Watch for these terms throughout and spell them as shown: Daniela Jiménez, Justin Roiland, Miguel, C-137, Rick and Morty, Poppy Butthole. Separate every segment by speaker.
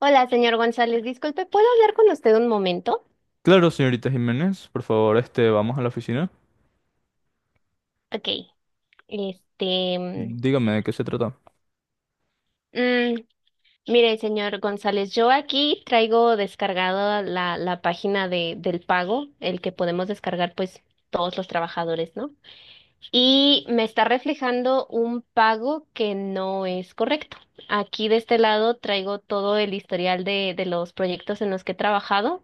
Speaker 1: Hola, señor González, disculpe, ¿puedo hablar con usted un momento?
Speaker 2: Claro, señorita Jiménez, por favor, vamos a la oficina.
Speaker 1: Ok, este, mm,
Speaker 2: Dígame de qué se trata.
Speaker 1: mm, mire, señor González, yo aquí traigo descargada la página del pago, el que podemos descargar pues todos los trabajadores, ¿no? Y me está reflejando un pago que no es correcto. Aquí de este lado traigo todo el historial de los proyectos en los que he trabajado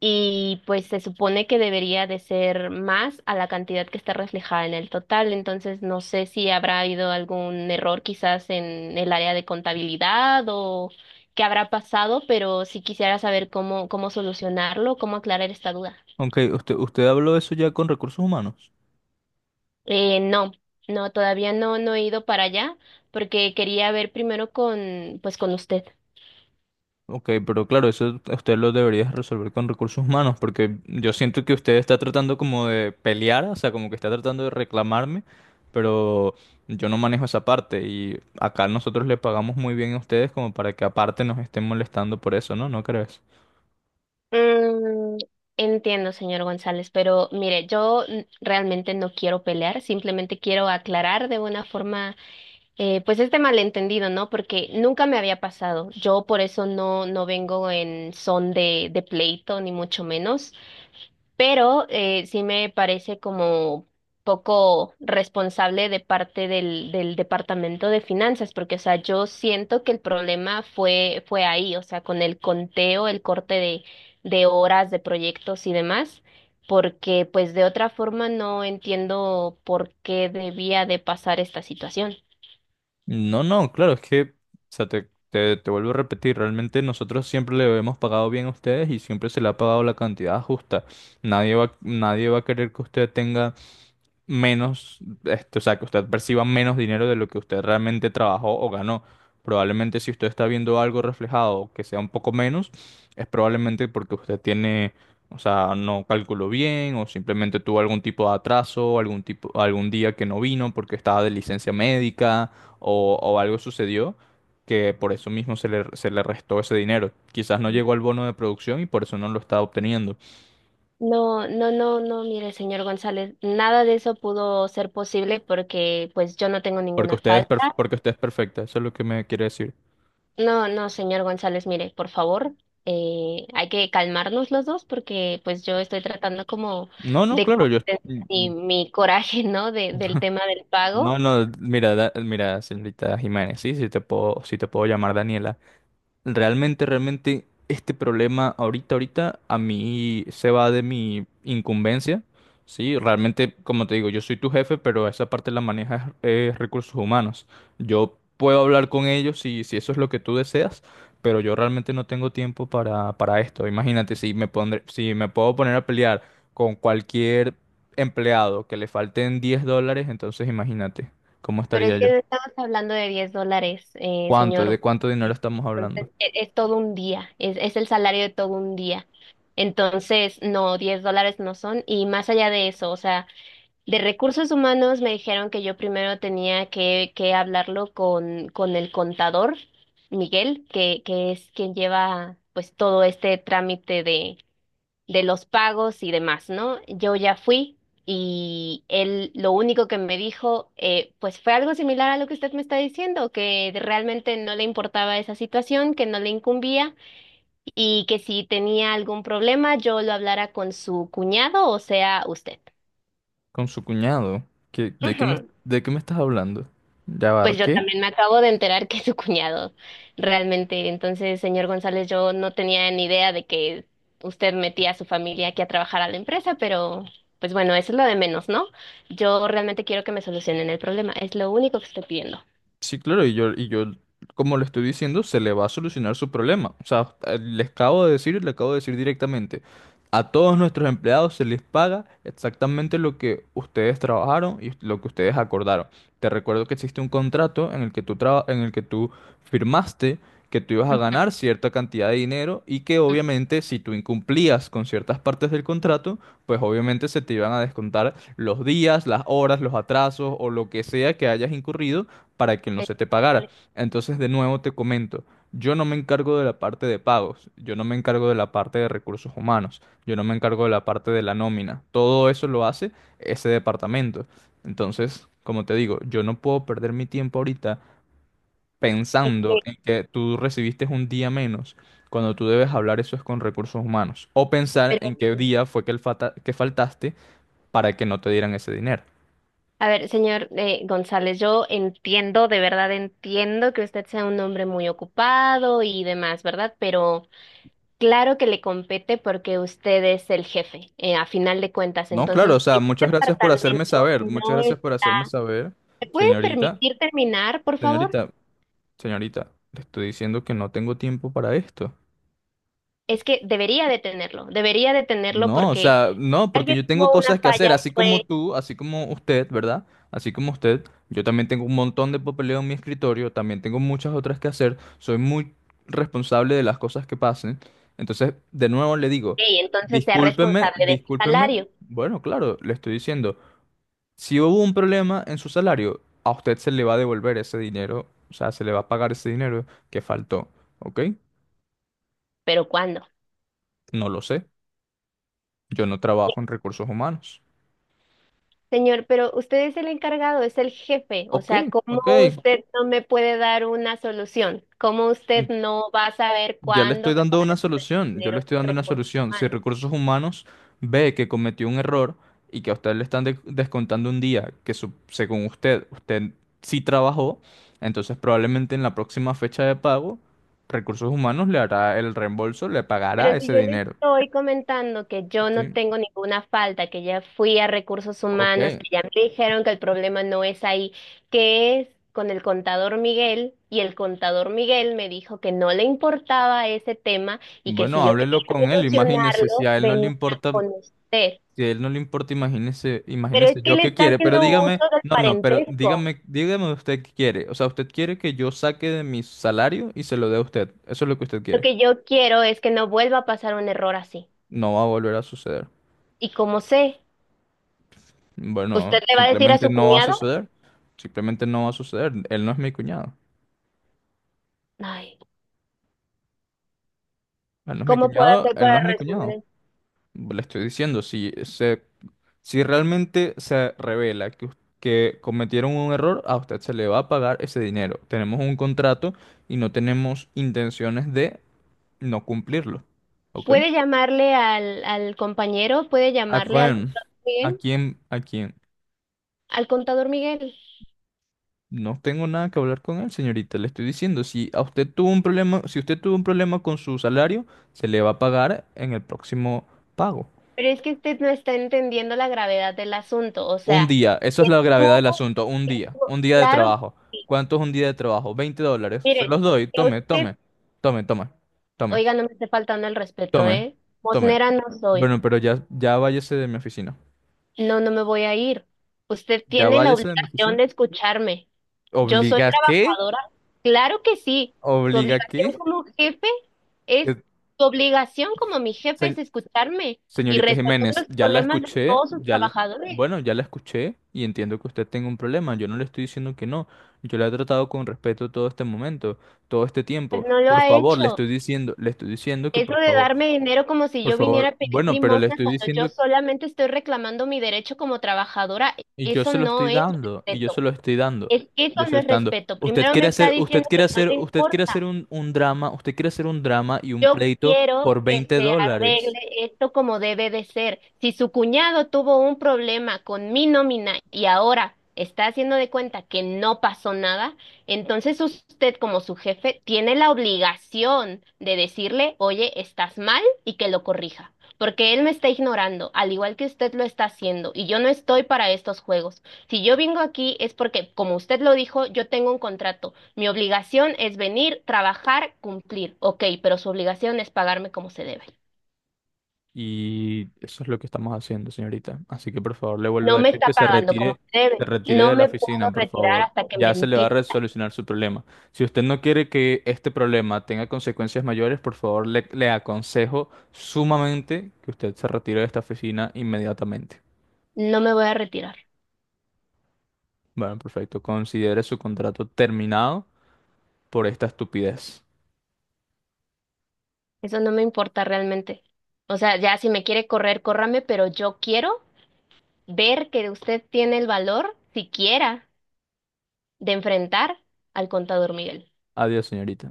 Speaker 1: y pues se supone que debería de ser más a la cantidad que está reflejada en el total. Entonces, no sé si habrá habido algún error quizás en el área de contabilidad o qué habrá pasado, pero sí quisiera saber cómo, cómo solucionarlo, cómo aclarar esta duda.
Speaker 2: Ok, usted habló de eso ya con recursos humanos.
Speaker 1: No, no, todavía no, no he ido para allá porque quería ver primero pues con usted.
Speaker 2: Ok, pero claro, eso usted lo debería resolver con recursos humanos, porque yo siento que usted está tratando como de pelear, o sea, como que está tratando de reclamarme, pero yo no manejo esa parte y acá nosotros le pagamos muy bien a ustedes como para que aparte nos estén molestando por eso, ¿no? ¿No crees?
Speaker 1: Mm, Entiendo, señor González, pero mire, yo realmente no quiero pelear, simplemente quiero aclarar de una forma, pues este malentendido, ¿no? Porque nunca me había pasado. Yo por eso no, no vengo en son de pleito, ni mucho menos, pero sí me parece como poco responsable de parte del Departamento de Finanzas, porque, o sea, yo siento que el problema fue ahí, o sea, con el conteo, el corte de horas, de proyectos y demás, porque pues de otra forma no entiendo por qué debía de pasar esta situación.
Speaker 2: No, no, claro, es que, o sea, te vuelvo a repetir, realmente nosotros siempre le hemos pagado bien a ustedes y siempre se le ha pagado la cantidad justa. Nadie va a querer que usted tenga menos, o sea, que usted perciba menos dinero de lo que usted realmente trabajó o ganó. Probablemente si usted está viendo algo reflejado que sea un poco menos, es probablemente porque usted tiene, o sea, no calculó bien o simplemente tuvo algún tipo de atraso, algún tipo, algún día que no vino porque estaba de licencia médica o algo sucedió que por eso mismo se le restó ese dinero. Quizás no llegó al bono de producción y por eso no lo está obteniendo.
Speaker 1: No, no, no, no, mire, señor González, nada de eso pudo ser posible porque pues yo no tengo
Speaker 2: Porque
Speaker 1: ninguna falta.
Speaker 2: porque usted es perfecta, eso es lo que me quiere decir.
Speaker 1: No, no, señor González, mire, por favor, hay que calmarnos los dos porque pues yo estoy tratando como
Speaker 2: No, no,
Speaker 1: de
Speaker 2: claro, yo...
Speaker 1: contener
Speaker 2: mm,
Speaker 1: mi,
Speaker 2: mm,
Speaker 1: mi coraje, ¿no? Del tema del pago,
Speaker 2: No, no, mira, mira, señorita Jiménez, sí, sí te puedo llamar Daniela. Realmente, este problema ahorita, a mí se va de mi incumbencia, ¿sí? Realmente, como te digo, yo soy tu jefe, pero esa parte la maneja recursos humanos. Yo puedo hablar con ellos si eso es lo que tú deseas, pero yo realmente no tengo tiempo para esto. Imagínate, si me puedo poner a pelear con cualquier empleado que le falten $10, entonces imagínate cómo
Speaker 1: pero
Speaker 2: estaría
Speaker 1: es que
Speaker 2: yo.
Speaker 1: no estamos hablando de $10,
Speaker 2: ¿Cuánto? ¿De
Speaker 1: señor.
Speaker 2: cuánto dinero estamos hablando?
Speaker 1: Entonces, es, todo un día, es el salario de todo un día. Entonces, no, $10 no son. Y más allá de eso, o sea, de recursos humanos me dijeron que yo primero tenía que hablarlo con el contador, Miguel, que es quien lleva pues todo este trámite de los pagos y demás, ¿no? Yo ya fui y él lo único que me dijo, pues fue algo similar a lo que usted me está diciendo, que realmente no le importaba esa situación, que no le incumbía y que si tenía algún problema yo lo hablara con su cuñado, o sea, usted.
Speaker 2: Con su cuñado. ¿Qué- de qué me,
Speaker 1: Ujú.
Speaker 2: ¿de qué me estás hablando? Ya va,
Speaker 1: Pues yo
Speaker 2: ¿qué?
Speaker 1: también me acabo de enterar que es su cuñado, realmente. Entonces, señor González, yo no tenía ni idea de que usted metía a su familia aquí a trabajar a la empresa, pero pues bueno, eso es lo de menos, ¿no? Yo realmente quiero que me solucionen el problema, es lo único que estoy pidiendo.
Speaker 2: Sí, claro, y yo, como le estoy diciendo, se le va a solucionar su problema. O sea, les acabo de decir, le acabo de decir directamente, a todos nuestros empleados se les paga exactamente lo que ustedes trabajaron y lo que ustedes acordaron. Te recuerdo que existe un contrato en el que tú firmaste que tú ibas a ganar cierta cantidad de dinero y que
Speaker 1: Mm.
Speaker 2: obviamente si tú incumplías con ciertas partes del contrato, pues obviamente se te iban a descontar los días, las horas, los atrasos o lo que sea que hayas incurrido para que no
Speaker 1: Eh,
Speaker 2: se te pagara.
Speaker 1: vale,
Speaker 2: Entonces, de nuevo te comento, yo no me encargo de la parte de pagos, yo no me encargo de la parte de recursos humanos, yo no me encargo de la parte de la nómina. Todo eso lo hace ese departamento. Entonces, como te digo, yo no puedo perder mi tiempo ahorita
Speaker 1: es
Speaker 2: pensando
Speaker 1: que-
Speaker 2: en que tú recibiste un día menos cuando tú debes hablar eso es con recursos humanos. O pensar en
Speaker 1: pero-
Speaker 2: qué día fue que, que faltaste para que no te dieran ese dinero.
Speaker 1: a ver, señor González, yo entiendo, de verdad entiendo que usted sea un hombre muy ocupado y demás, ¿verdad? Pero... Claro que le compete porque usted es el jefe, a final de cuentas.
Speaker 2: No, claro, o
Speaker 1: Entonces,
Speaker 2: sea,
Speaker 1: si un departamento
Speaker 2: muchas
Speaker 1: no es...
Speaker 2: gracias por hacerme saber,
Speaker 1: ¿Me puede
Speaker 2: señorita,
Speaker 1: permitir terminar, por favor?
Speaker 2: señorita, señorita, le estoy diciendo que no tengo tiempo para esto.
Speaker 1: Es que debería de tenerlo
Speaker 2: No, o
Speaker 1: porque
Speaker 2: sea, no, porque
Speaker 1: alguien
Speaker 2: yo tengo
Speaker 1: tuvo una
Speaker 2: cosas que
Speaker 1: falla,
Speaker 2: hacer,
Speaker 1: fue,
Speaker 2: así como usted, ¿verdad? Así como usted, yo también tengo un montón de papeleo en mi escritorio, también tengo muchas otras que hacer, soy muy responsable de las cosas que pasen. Entonces, de nuevo le digo,
Speaker 1: "Ey, entonces sea responsable de mi
Speaker 2: discúlpeme.
Speaker 1: salario.
Speaker 2: Bueno, claro, le estoy diciendo. Si hubo un problema en su salario, a usted se le va a devolver ese dinero, o sea, se le va a pagar ese dinero que faltó, ¿ok?
Speaker 1: ¿Pero cuándo?
Speaker 2: No lo sé, yo no trabajo en recursos humanos.
Speaker 1: Señor, pero usted es el encargado, es el jefe. O
Speaker 2: Ok,
Speaker 1: sea, ¿cómo
Speaker 2: ok,
Speaker 1: usted no me puede dar una solución? ¿Cómo
Speaker 2: mm,
Speaker 1: usted no va a saber
Speaker 2: ya le
Speaker 1: cuándo
Speaker 2: estoy
Speaker 1: me va
Speaker 2: dando
Speaker 1: a
Speaker 2: una
Speaker 1: dar el
Speaker 2: solución, yo le
Speaker 1: dinero
Speaker 2: estoy dando una
Speaker 1: recursos
Speaker 2: solución. Si
Speaker 1: humanos?
Speaker 2: recursos humanos ve que cometió un error y que a usted descontando un día que según usted, usted sí trabajó, entonces probablemente en la próxima fecha de pago, recursos humanos le hará el reembolso, le pagará
Speaker 1: Pero si
Speaker 2: ese
Speaker 1: yo le
Speaker 2: dinero.
Speaker 1: estoy comentando que yo no
Speaker 2: ¿Sí?
Speaker 1: tengo ninguna falta, que ya fui a recursos
Speaker 2: Ok,
Speaker 1: humanos, que ya me dijeron que el problema no es ahí, que es con el contador Miguel, y el contador Miguel me dijo que no le importaba ese tema y que
Speaker 2: bueno,
Speaker 1: si yo quería
Speaker 2: háblelo con él, imagínese,
Speaker 1: solucionarlo, venía con usted.
Speaker 2: si a él no le importa,
Speaker 1: Pero es
Speaker 2: imagínese
Speaker 1: que
Speaker 2: yo
Speaker 1: le
Speaker 2: qué
Speaker 1: está
Speaker 2: quiere, pero
Speaker 1: haciendo
Speaker 2: dígame,
Speaker 1: uso del
Speaker 2: no, no, pero
Speaker 1: parentesco.
Speaker 2: dígame, dígame usted qué quiere, o sea, usted quiere que yo saque de mi salario y se lo dé a usted, eso es lo que usted
Speaker 1: Lo
Speaker 2: quiere,
Speaker 1: que yo quiero es que no vuelva a pasar un error así.
Speaker 2: no va a volver a suceder,
Speaker 1: Y como sé, ¿usted
Speaker 2: bueno,
Speaker 1: le va a decir a
Speaker 2: simplemente
Speaker 1: su
Speaker 2: no va a
Speaker 1: cuñado?
Speaker 2: suceder, simplemente no va a suceder, él no es mi cuñado,
Speaker 1: Ay.
Speaker 2: él no es mi
Speaker 1: ¿Cómo puedo
Speaker 2: cuñado,
Speaker 1: hacer
Speaker 2: él no
Speaker 1: para
Speaker 2: es mi cuñado,
Speaker 1: resolver?
Speaker 2: le estoy diciendo, si se. Si realmente se revela que, que cometieron un error, a usted se le va a pagar ese dinero. Tenemos un contrato y no tenemos intenciones de no cumplirlo. ¿Ok?
Speaker 1: Puede llamarle al compañero, puede
Speaker 2: ¿A
Speaker 1: llamarle
Speaker 2: quién? ¿A quién?
Speaker 1: Al contador Miguel,
Speaker 2: No tengo nada que hablar con él, señorita. Le estoy diciendo, si a usted tuvo un problema, si usted tuvo un problema con su salario, se le va a pagar en el próximo pago.
Speaker 1: pero es que usted no está entendiendo la gravedad del asunto. O
Speaker 2: Un
Speaker 1: sea,
Speaker 2: día, eso es la
Speaker 1: tú,
Speaker 2: gravedad del asunto, un día de
Speaker 1: claro
Speaker 2: trabajo.
Speaker 1: que sí.
Speaker 2: ¿Cuánto es un día de trabajo? $20. Se
Speaker 1: Mire,
Speaker 2: los doy,
Speaker 1: que usted,
Speaker 2: tome, tome, tome,
Speaker 1: oiga, no me esté faltando el respeto,
Speaker 2: tome,
Speaker 1: ¿eh?
Speaker 2: tome.
Speaker 1: Mosnera no soy.
Speaker 2: Bueno, pero ya váyase de mi oficina.
Speaker 1: No, no me voy a ir. Usted
Speaker 2: Ya
Speaker 1: tiene la
Speaker 2: váyase de mi
Speaker 1: obligación
Speaker 2: oficina.
Speaker 1: de escucharme. Yo soy
Speaker 2: ¿Obliga qué?
Speaker 1: trabajadora. Claro que sí. Su
Speaker 2: ¿Obliga qué?
Speaker 1: obligación como jefe es,
Speaker 2: Que-
Speaker 1: su obligación como mi jefe
Speaker 2: se-
Speaker 1: es escucharme y
Speaker 2: Señorita
Speaker 1: resolver
Speaker 2: Jiménez,
Speaker 1: los
Speaker 2: ya la
Speaker 1: problemas de
Speaker 2: escuché,
Speaker 1: todos sus trabajadores.
Speaker 2: bueno, ya la escuché y entiendo que usted tenga un problema. Yo no le estoy diciendo que no. Yo la he tratado con respeto todo este momento, todo este
Speaker 1: Pues
Speaker 2: tiempo.
Speaker 1: no lo
Speaker 2: Por
Speaker 1: ha
Speaker 2: favor,
Speaker 1: hecho.
Speaker 2: le estoy diciendo que
Speaker 1: Eso de darme dinero como si
Speaker 2: por
Speaker 1: yo viniera
Speaker 2: favor,
Speaker 1: a pedir
Speaker 2: bueno, pero le
Speaker 1: limosna
Speaker 2: estoy
Speaker 1: cuando yo
Speaker 2: diciendo
Speaker 1: solamente estoy reclamando mi derecho como trabajadora, eso no es
Speaker 2: y yo
Speaker 1: respeto.
Speaker 2: se lo estoy dando.
Speaker 1: Es que eso
Speaker 2: Yo se
Speaker 1: no
Speaker 2: lo
Speaker 1: es
Speaker 2: estoy dando.
Speaker 1: respeto. Primero me está diciendo que no le
Speaker 2: Usted quiere
Speaker 1: importa.
Speaker 2: hacer un drama, usted quiere hacer un drama y un
Speaker 1: Yo
Speaker 2: pleito
Speaker 1: quiero
Speaker 2: por
Speaker 1: que
Speaker 2: 20
Speaker 1: se arregle
Speaker 2: dólares.
Speaker 1: esto como debe de ser. Si su cuñado tuvo un problema con mi nómina y ahora está haciendo de cuenta que no pasó nada, entonces usted como su jefe tiene la obligación de decirle, oye, estás mal y que lo corrija. Porque él me está ignorando, al igual que usted lo está haciendo, y yo no estoy para estos juegos. Si yo vengo aquí es porque, como usted lo dijo, yo tengo un contrato. Mi obligación es venir, trabajar, cumplir. Ok, pero su obligación es pagarme como se debe.
Speaker 2: Y eso es lo que estamos haciendo, señorita. Así que por favor, le vuelvo a
Speaker 1: No me
Speaker 2: decir que
Speaker 1: está pagando como se
Speaker 2: se
Speaker 1: debe.
Speaker 2: retire
Speaker 1: No
Speaker 2: de la
Speaker 1: me puedo
Speaker 2: oficina, por
Speaker 1: retirar
Speaker 2: favor.
Speaker 1: hasta que me
Speaker 2: Ya se le va a
Speaker 1: entienda.
Speaker 2: resolucionar su problema. Si usted no quiere que este problema tenga consecuencias mayores, por favor, le aconsejo sumamente que usted se retire de esta oficina inmediatamente.
Speaker 1: No me voy a retirar.
Speaker 2: Bueno, perfecto. Considere su contrato terminado por esta estupidez.
Speaker 1: Eso no me importa realmente. O sea, ya si me quiere correr, córrame, pero yo quiero ver que usted tiene el valor, siquiera, de enfrentar al contador Miguel.
Speaker 2: Adiós, señorita.